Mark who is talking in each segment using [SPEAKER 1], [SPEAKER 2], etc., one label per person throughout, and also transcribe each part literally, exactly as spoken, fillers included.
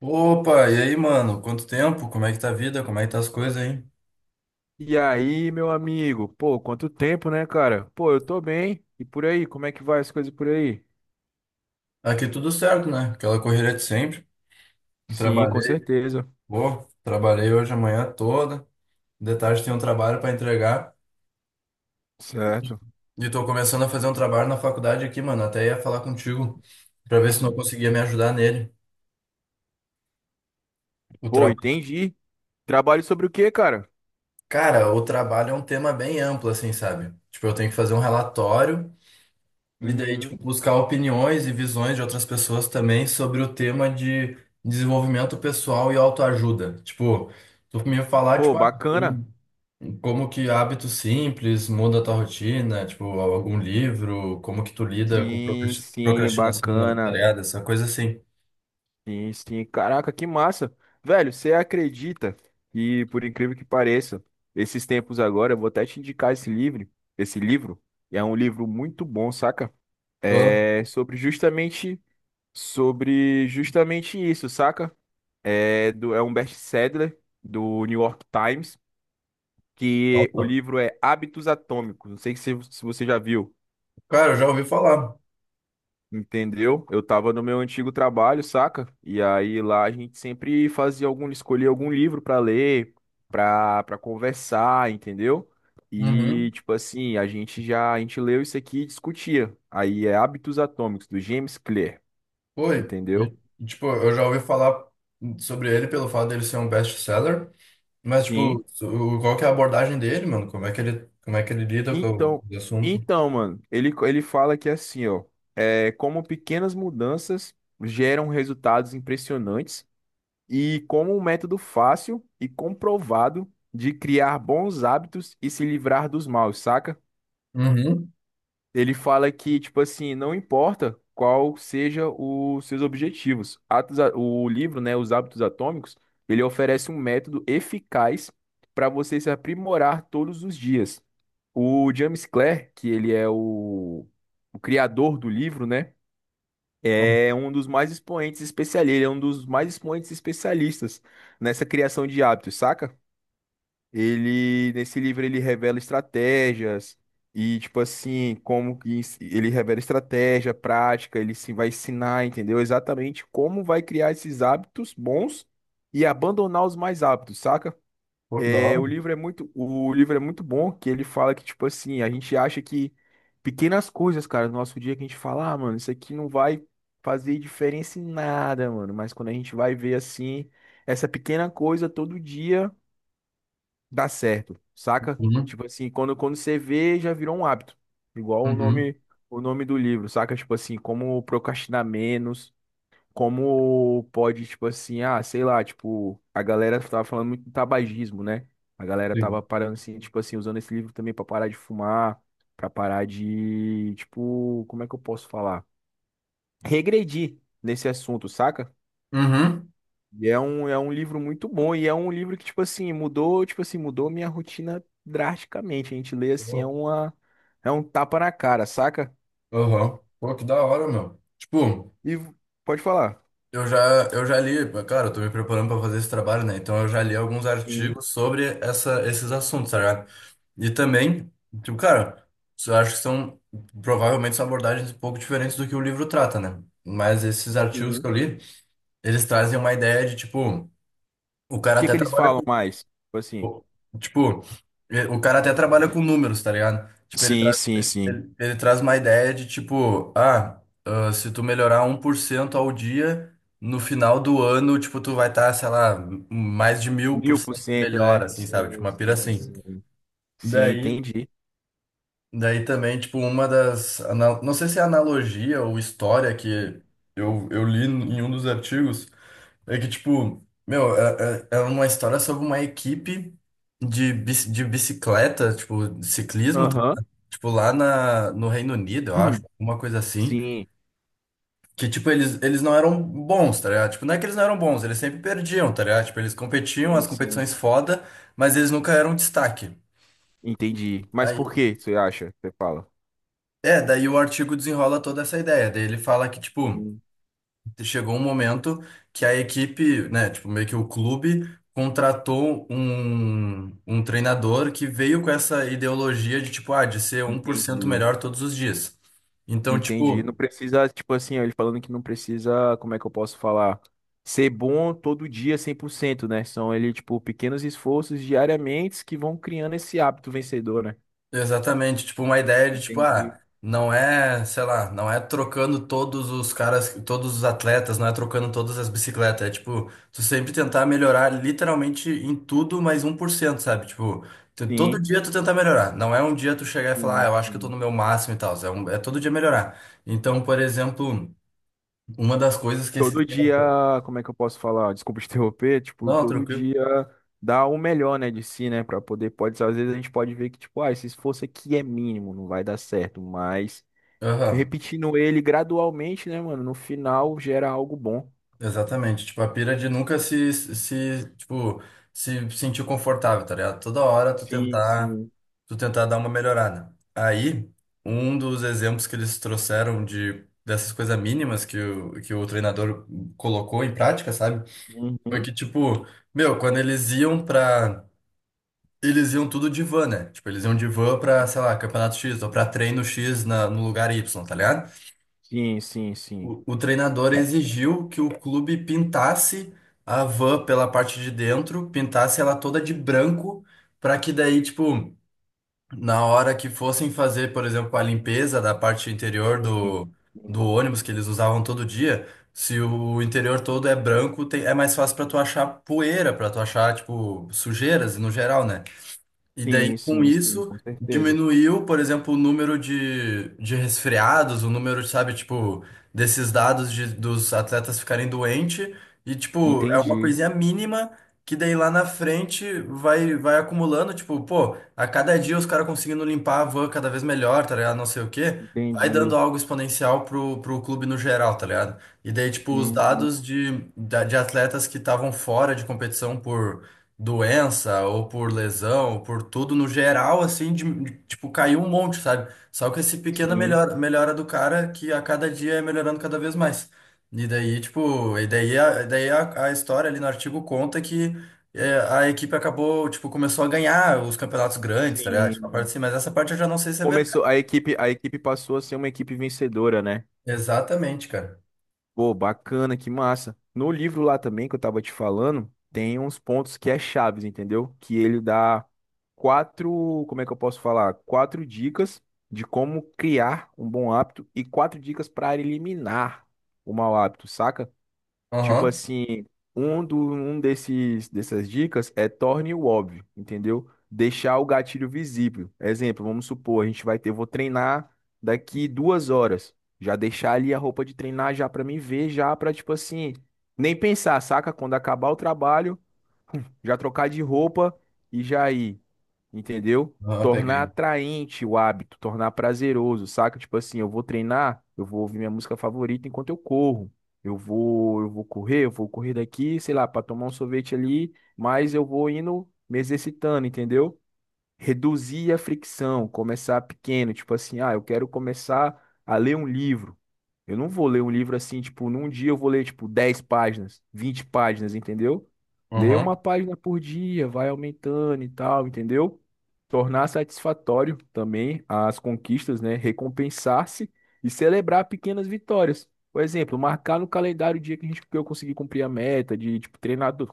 [SPEAKER 1] Opa, e aí, mano? Quanto tempo? Como é que tá a vida? Como é que tá as coisas aí?
[SPEAKER 2] E aí, meu amigo? Pô, quanto tempo, né, cara? Pô, eu tô bem. E por aí, como é que vai as coisas por aí?
[SPEAKER 1] Aqui tudo certo, né? Aquela correria de sempre.
[SPEAKER 2] Sim, com
[SPEAKER 1] Trabalhei,
[SPEAKER 2] certeza.
[SPEAKER 1] pô, trabalhei hoje a manhã toda. De tarde tem um trabalho pra entregar.
[SPEAKER 2] Certo.
[SPEAKER 1] E tô começando a fazer um trabalho na faculdade aqui, mano. Até ia falar contigo pra ver se não conseguia me ajudar nele. O
[SPEAKER 2] Pô,
[SPEAKER 1] tra...
[SPEAKER 2] entendi. Trabalho sobre o quê, cara?
[SPEAKER 1] Cara, o trabalho é um tema bem amplo, assim, sabe? Tipo, eu tenho que fazer um relatório. E daí, tipo,
[SPEAKER 2] Uhum.
[SPEAKER 1] buscar opiniões e visões de outras pessoas também sobre o tema de desenvolvimento pessoal e autoajuda. Tipo, tu me falar,
[SPEAKER 2] Pô,
[SPEAKER 1] tipo, ah,
[SPEAKER 2] bacana.
[SPEAKER 1] um- como que hábitos simples muda a tua rotina, tipo, algum livro, como que tu lida com
[SPEAKER 2] Sim,
[SPEAKER 1] procras-
[SPEAKER 2] sim,
[SPEAKER 1] procrastinação
[SPEAKER 2] bacana.
[SPEAKER 1] alterada, essa coisa assim.
[SPEAKER 2] Sim, sim. Caraca, que massa. Velho, você acredita? E por incrível que pareça, esses tempos agora, eu vou até te indicar esse livro, esse livro. É um livro muito bom, saca?
[SPEAKER 1] Eu-
[SPEAKER 2] É sobre justamente sobre justamente isso, saca? É, do, é um best-seller do New York Times, que o livro é Hábitos Atômicos. Não sei se, se você já viu,
[SPEAKER 1] Cara, eu já ouvi falar.
[SPEAKER 2] entendeu? Eu tava no meu antigo trabalho, saca? E aí lá a gente sempre fazia algum, escolhia algum livro pra ler, pra, pra conversar, entendeu? E
[SPEAKER 1] Uhum.
[SPEAKER 2] tipo assim, a gente já, a gente leu isso aqui e discutia. Aí é Hábitos Atômicos, do James Clear,
[SPEAKER 1] Foi. E,
[SPEAKER 2] entendeu?
[SPEAKER 1] Tipo, eu já ouvi falar sobre ele pelo fato dele ser um best-seller. Mas,
[SPEAKER 2] Sim.
[SPEAKER 1] tipo, o- qual que é a abordagem dele, mano? Como é que ele, como é que ele lida com
[SPEAKER 2] Então,
[SPEAKER 1] o assunto?
[SPEAKER 2] então, mano, ele, ele fala que é assim, ó, é, como pequenas mudanças geram resultados impressionantes e como um método fácil e comprovado de criar bons hábitos e se livrar dos maus, saca?
[SPEAKER 1] Uhum.
[SPEAKER 2] Ele fala que, tipo assim, não importa qual seja os seus objetivos. Atos, a- o livro, né, Os Hábitos Atômicos, ele oferece um método eficaz para você se aprimorar todos os dias. O James Clear, que ele é o, o criador do livro, né? É um dos mais expoentes especialistas, Ele é um dos mais expoentes especialistas nessa criação de hábitos, saca? Ele, nesse livro, ele revela estratégias e, tipo assim, como que ens- ele revela estratégia, prática, ele se vai ensinar, entendeu? Exatamente como vai criar esses hábitos bons e abandonar os mais hábitos, saca?
[SPEAKER 1] Pô, que da
[SPEAKER 2] É, o
[SPEAKER 1] hora.
[SPEAKER 2] livro é muito, o livro é muito bom, que ele fala que, tipo assim, a gente acha que pequenas coisas, cara, no nosso dia que a gente fala, ah, mano, isso aqui não vai fazer diferença em nada, mano. Mas quando a gente vai ver assim, essa pequena coisa todo dia dá certo, saca?
[SPEAKER 1] Uhum.
[SPEAKER 2] Tipo assim, quando, quando você vê, já virou um hábito. Igual o
[SPEAKER 1] Uhum.
[SPEAKER 2] nome, o nome do livro, saca? Tipo assim, como procrastinar menos como pode, tipo assim, ah, sei lá, tipo, a galera tava falando muito do tabagismo, né? A galera tava
[SPEAKER 1] Sim.
[SPEAKER 2] parando assim, tipo assim, usando esse livro também pra parar de fumar, pra parar de, tipo, como é que eu posso falar? Regredir nesse assunto, saca?
[SPEAKER 1] Uhum.
[SPEAKER 2] E é um, é um livro muito bom e é um livro que, tipo assim, mudou, tipo assim, mudou minha rotina drasticamente. A gente lê assim, é uma, é um tapa na cara, saca?
[SPEAKER 1] Aham. Pô, que da hora, meu. Tipo,
[SPEAKER 2] E v- Pode falar.
[SPEAKER 1] eu já, eu já li, cara, eu tô me preparando pra fazer esse trabalho, né? Então eu já li alguns
[SPEAKER 2] Sim,
[SPEAKER 1] artigos sobre essa, esses assuntos, tá ligado? E também, tipo, cara, eu acho que são, provavelmente são abordagens um pouco diferentes do que o livro trata, né? Mas esses artigos que
[SPEAKER 2] sim.
[SPEAKER 1] eu li, eles trazem uma ideia de, tipo, o
[SPEAKER 2] O
[SPEAKER 1] cara
[SPEAKER 2] que
[SPEAKER 1] até
[SPEAKER 2] que eles
[SPEAKER 1] trabalha
[SPEAKER 2] falam mais? Tipo assim.
[SPEAKER 1] com, tipo, e- o cara até trabalha com números, tá ligado? Tipo, ele,
[SPEAKER 2] Sim,
[SPEAKER 1] tra
[SPEAKER 2] sim, sim.
[SPEAKER 1] Ele, ele traz uma ideia de tipo, ah, ah, se tu melhorar um por cento ao dia, no final do ano, tipo, tu vai estar, sei lá, m- mais de mil por
[SPEAKER 2] Mil por
[SPEAKER 1] cento
[SPEAKER 2] cento,
[SPEAKER 1] melhor,
[SPEAKER 2] né?
[SPEAKER 1] assim, sabe? Tipo,
[SPEAKER 2] Sim,
[SPEAKER 1] uma pira
[SPEAKER 2] sim,
[SPEAKER 1] assim.
[SPEAKER 2] sim. Sim,
[SPEAKER 1] Daí,
[SPEAKER 2] entendi.
[SPEAKER 1] daí também, tipo, uma das, ana- não sei se é analogia ou história que
[SPEAKER 2] Sim,
[SPEAKER 1] eu, eu li em um dos artigos. É que, tipo, meu, é, é é uma história sobre uma equipe de, bici- de bicicleta, tipo, de ciclismo, tá?
[SPEAKER 2] Aham.
[SPEAKER 1] Tipo, lá na, no Reino Unido, eu acho, alguma coisa assim.
[SPEAKER 2] Sim,
[SPEAKER 1] Que, tipo, eles, eles não eram bons, tá ligado? Tipo, não é que eles não eram bons, eles sempre perdiam, tá ligado? Tipo, eles competiam, as
[SPEAKER 2] sim. Sim.
[SPEAKER 1] competições foda, mas eles nunca eram destaque.
[SPEAKER 2] Entendi. Mas por
[SPEAKER 1] Aí,
[SPEAKER 2] que você acha? Você fala.
[SPEAKER 1] é, daí o artigo desenrola toda essa ideia. Daí ele fala que, tipo,
[SPEAKER 2] Sim,
[SPEAKER 1] chegou um momento que a equipe, né, tipo, meio que o clube contratou um, um treinador que veio com essa ideologia de, tipo, ah, de ser um por cento
[SPEAKER 2] entendi.
[SPEAKER 1] melhor todos os dias. Então,
[SPEAKER 2] Entendi. Não
[SPEAKER 1] tipo,
[SPEAKER 2] precisa, tipo assim, ó, ele falando que não precisa, como é que eu posso falar? Ser bom todo dia cem por cento, né? São ele, tipo, pequenos esforços diariamente que vão criando esse hábito vencedor, né?
[SPEAKER 1] exatamente, tipo uma ideia de tipo,
[SPEAKER 2] Entendi.
[SPEAKER 1] ah, não é, sei lá, não é trocando todos os caras, todos os atletas, não é trocando todas as bicicletas, é tipo, tu sempre tentar melhorar literalmente em tudo mais um por cento, sabe? Tipo, tu-
[SPEAKER 2] Sim.
[SPEAKER 1] todo dia tu tentar melhorar, não é um dia tu chegar e falar, ah,
[SPEAKER 2] Sim,
[SPEAKER 1] eu acho que eu tô no
[SPEAKER 2] sim.
[SPEAKER 1] meu máximo e tal, é, um- é todo dia melhorar. Então, por exemplo, uma das coisas que esse...
[SPEAKER 2] Todo dia, como é que eu posso falar? Desculpa te interromper, tipo,
[SPEAKER 1] Não,
[SPEAKER 2] todo
[SPEAKER 1] tranquilo.
[SPEAKER 2] dia dá o melhor, né, de si, né, Pra poder, pode, às vezes a gente pode ver que, tipo, ah, esse esforço aqui é mínimo, não vai dar certo, mas
[SPEAKER 1] Aham.
[SPEAKER 2] repetindo ele gradualmente, né, mano, no final gera algo bom.
[SPEAKER 1] Exatamente, tipo, a pira de nunca se, se, tipo, se sentir confortável, tá ligado? Toda hora tu
[SPEAKER 2] Sim,
[SPEAKER 1] tentar,
[SPEAKER 2] sim.
[SPEAKER 1] tu tentar dar uma melhorada. Aí, um dos exemplos que eles trouxeram de dessas coisas mínimas que o, que o treinador colocou em prática, sabe? Foi
[SPEAKER 2] Uhum.
[SPEAKER 1] que, tipo, meu, quando eles iam pra, eles iam tudo de van, né? Tipo, eles iam de van pra, sei lá, campeonato X ou pra treino X na, no lugar Y, tá ligado?
[SPEAKER 2] Sim, sim, sim.
[SPEAKER 1] O, o treinador exigiu que o clube pintasse a van pela parte de dentro, pintasse ela toda de branco, para que daí, tipo, na hora que fossem fazer, por exemplo, a limpeza da parte interior
[SPEAKER 2] Sim,
[SPEAKER 1] do, do ônibus que eles usavam todo dia, se o interior todo é branco, tem- é mais fácil para tu achar poeira, para tu achar, tipo, sujeiras no geral, né? E daí,
[SPEAKER 2] sim,
[SPEAKER 1] com
[SPEAKER 2] sim, sim,
[SPEAKER 1] isso,
[SPEAKER 2] com certeza.
[SPEAKER 1] diminuiu, por exemplo, o número de, de resfriados, o número, sabe, tipo, desses dados de, dos atletas ficarem doentes. E, tipo, é uma
[SPEAKER 2] Entendi,
[SPEAKER 1] coisinha mínima que daí lá na frente vai, vai acumulando, tipo, pô, a cada dia os caras conseguindo limpar a van cada vez melhor, tá ligado? Não sei o quê. Vai
[SPEAKER 2] entendi.
[SPEAKER 1] dando algo exponencial pro, pro clube no geral, tá ligado? E daí, tipo, os
[SPEAKER 2] Uhum.
[SPEAKER 1] dados de, da- de atletas que estavam fora de competição por doença ou por lesão, ou por tudo no geral, assim, de, de- tipo, caiu um monte, sabe? Só que esse pequena
[SPEAKER 2] Sim,
[SPEAKER 1] melhora, melhora do cara que a cada dia é melhorando cada vez mais. E daí, tipo, e daí a, daí a, a história ali no artigo conta que é, a equipe acabou, tipo, começou a ganhar os campeonatos grandes, tá ligado? Tipo, a parte
[SPEAKER 2] sim.
[SPEAKER 1] assim, mas essa parte eu já não sei se é verdade.
[SPEAKER 2] Começou, a equipe, a equipe passou a ser uma equipe vencedora, né?
[SPEAKER 1] Exatamente, cara.
[SPEAKER 2] Pô, bacana, que massa. No livro lá também que eu tava te falando, tem uns pontos que é chaves, entendeu? Que ele dá quatro, como é que eu posso falar? Quatro dicas de como criar um bom hábito e quatro dicas para eliminar o mau hábito, saca? Tipo
[SPEAKER 1] Aham.
[SPEAKER 2] assim, um, do, um desses, dessas dicas é torne o óbvio, entendeu? Deixar o gatilho visível. Exemplo, vamos supor, a gente vai ter, vou treinar daqui duas horas. Já deixar ali a roupa de treinar já pra mim ver, já pra, tipo assim, nem pensar, saca? Quando acabar o trabalho, já trocar de roupa e já ir, entendeu?
[SPEAKER 1] Aham,
[SPEAKER 2] Tornar
[SPEAKER 1] peguei.
[SPEAKER 2] atraente o hábito, tornar prazeroso, saca? Tipo assim, eu vou treinar, eu vou ouvir minha música favorita enquanto eu corro. Eu vou, eu vou correr, eu vou correr daqui, sei lá, para tomar um sorvete ali, mas eu vou indo me exercitando, entendeu? Reduzir a fricção, começar pequeno, tipo assim, ah, eu quero começar a ler um livro. Eu não vou ler um livro assim, tipo, num dia eu vou ler, tipo, dez páginas, vinte páginas, entendeu? Ler uma
[SPEAKER 1] Aham.
[SPEAKER 2] página por dia, vai aumentando e tal, entendeu? Tornar satisfatório também as conquistas, né? Recompensar-se e celebrar pequenas vitórias. Por exemplo, marcar no calendário o dia que a gente, que eu consegui cumprir a meta de, tipo, treinar to-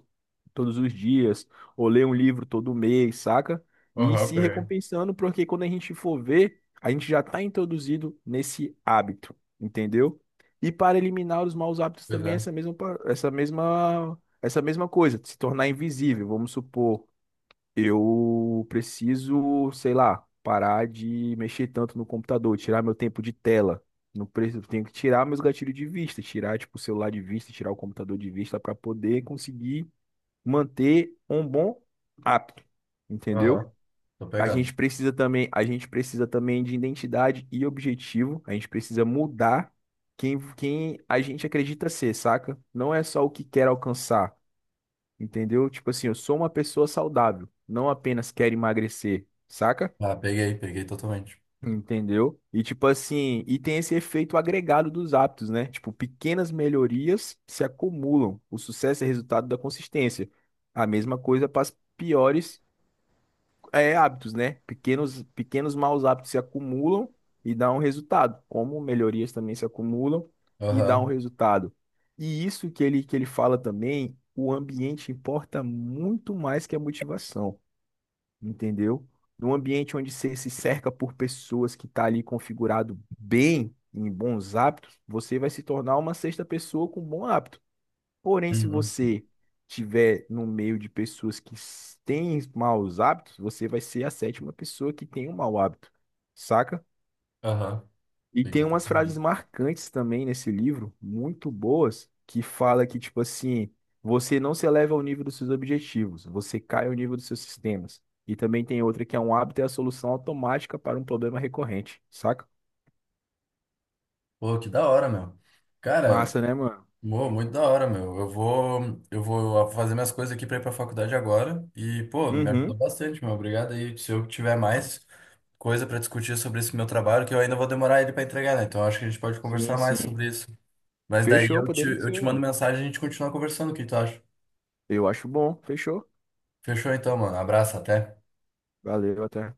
[SPEAKER 2] todos os dias, ou ler um livro todo mês, saca? E
[SPEAKER 1] Aham,
[SPEAKER 2] se
[SPEAKER 1] peguei.
[SPEAKER 2] recompensando, porque quando a gente for ver, a gente já está introduzido nesse hábito, entendeu? E para eliminar os maus hábitos
[SPEAKER 1] Pois
[SPEAKER 2] também é
[SPEAKER 1] é.
[SPEAKER 2] essa mesma, pa- essa mesma, essa mesma coisa, se tornar invisível. Vamos supor, eu preciso, sei lá, parar de mexer tanto no computador, tirar meu tempo de tela. Não preciso, tenho que tirar meus gatilhos de vista, tirar tipo o celular de vista, tirar o computador de vista para poder conseguir manter um bom hábito, entendeu?
[SPEAKER 1] Aham. Tô
[SPEAKER 2] A
[SPEAKER 1] pegando.
[SPEAKER 2] gente precisa também, a gente precisa também de identidade e objetivo. A gente precisa mudar quem, quem a gente acredita ser, saca? Não é só o que quer alcançar, entendeu? Tipo assim, eu sou uma pessoa saudável, não apenas quero emagrecer, saca?
[SPEAKER 1] Ah, peguei, peguei totalmente.
[SPEAKER 2] Entendeu? E tipo assim, e tem esse efeito agregado dos hábitos, né? Tipo, pequenas melhorias se acumulam. O sucesso é resultado da consistência. A mesma coisa para as piores, é, hábitos, né? Pequenos, pequenos maus hábitos se acumulam e dão um resultado, como melhorias também se acumulam e dão um
[SPEAKER 1] Aham.
[SPEAKER 2] resultado. E isso que ele, que ele fala também, o ambiente importa muito mais que a motivação, entendeu? Num ambiente onde você se cerca por pessoas que tá ali configurado bem, em bons hábitos, você vai se tornar uma sexta pessoa com bons hábitos. Porém, se
[SPEAKER 1] Uhum.
[SPEAKER 2] você tiver no meio de pessoas que s- têm maus hábitos, você vai ser a sétima pessoa que tem um mau hábito, saca?
[SPEAKER 1] Aham,
[SPEAKER 2] E tem
[SPEAKER 1] peguei
[SPEAKER 2] umas frases
[SPEAKER 1] também.
[SPEAKER 2] marcantes também nesse livro, muito boas, que fala que, tipo assim, você não se eleva ao nível dos seus objetivos, você cai ao nível dos seus sistemas. E também tem outra que é um hábito é a solução automática para um problema recorrente, saca?
[SPEAKER 1] Pô, que da hora, meu. Cara,
[SPEAKER 2] Massa, né, mano?
[SPEAKER 1] mo- muito da hora, meu. Eu vou, eu vou fazer minhas coisas aqui pra ir pra faculdade agora. E, pô, me ajudou
[SPEAKER 2] Uhum.
[SPEAKER 1] bastante, meu. Obrigado aí. Se eu tiver mais coisa pra discutir sobre esse meu trabalho, que eu ainda vou demorar ele pra entregar, né? Então acho que a gente pode
[SPEAKER 2] Sim,
[SPEAKER 1] conversar mais
[SPEAKER 2] sim.
[SPEAKER 1] sobre isso. Mas daí
[SPEAKER 2] Fechou,
[SPEAKER 1] eu te,
[SPEAKER 2] podemos
[SPEAKER 1] eu
[SPEAKER 2] sim,
[SPEAKER 1] te mando
[SPEAKER 2] mano.
[SPEAKER 1] mensagem e a gente continua conversando. O que tu acha?
[SPEAKER 2] Eu acho bom. Fechou.
[SPEAKER 1] Fechou então, mano. Abraço, até.
[SPEAKER 2] Valeu, até.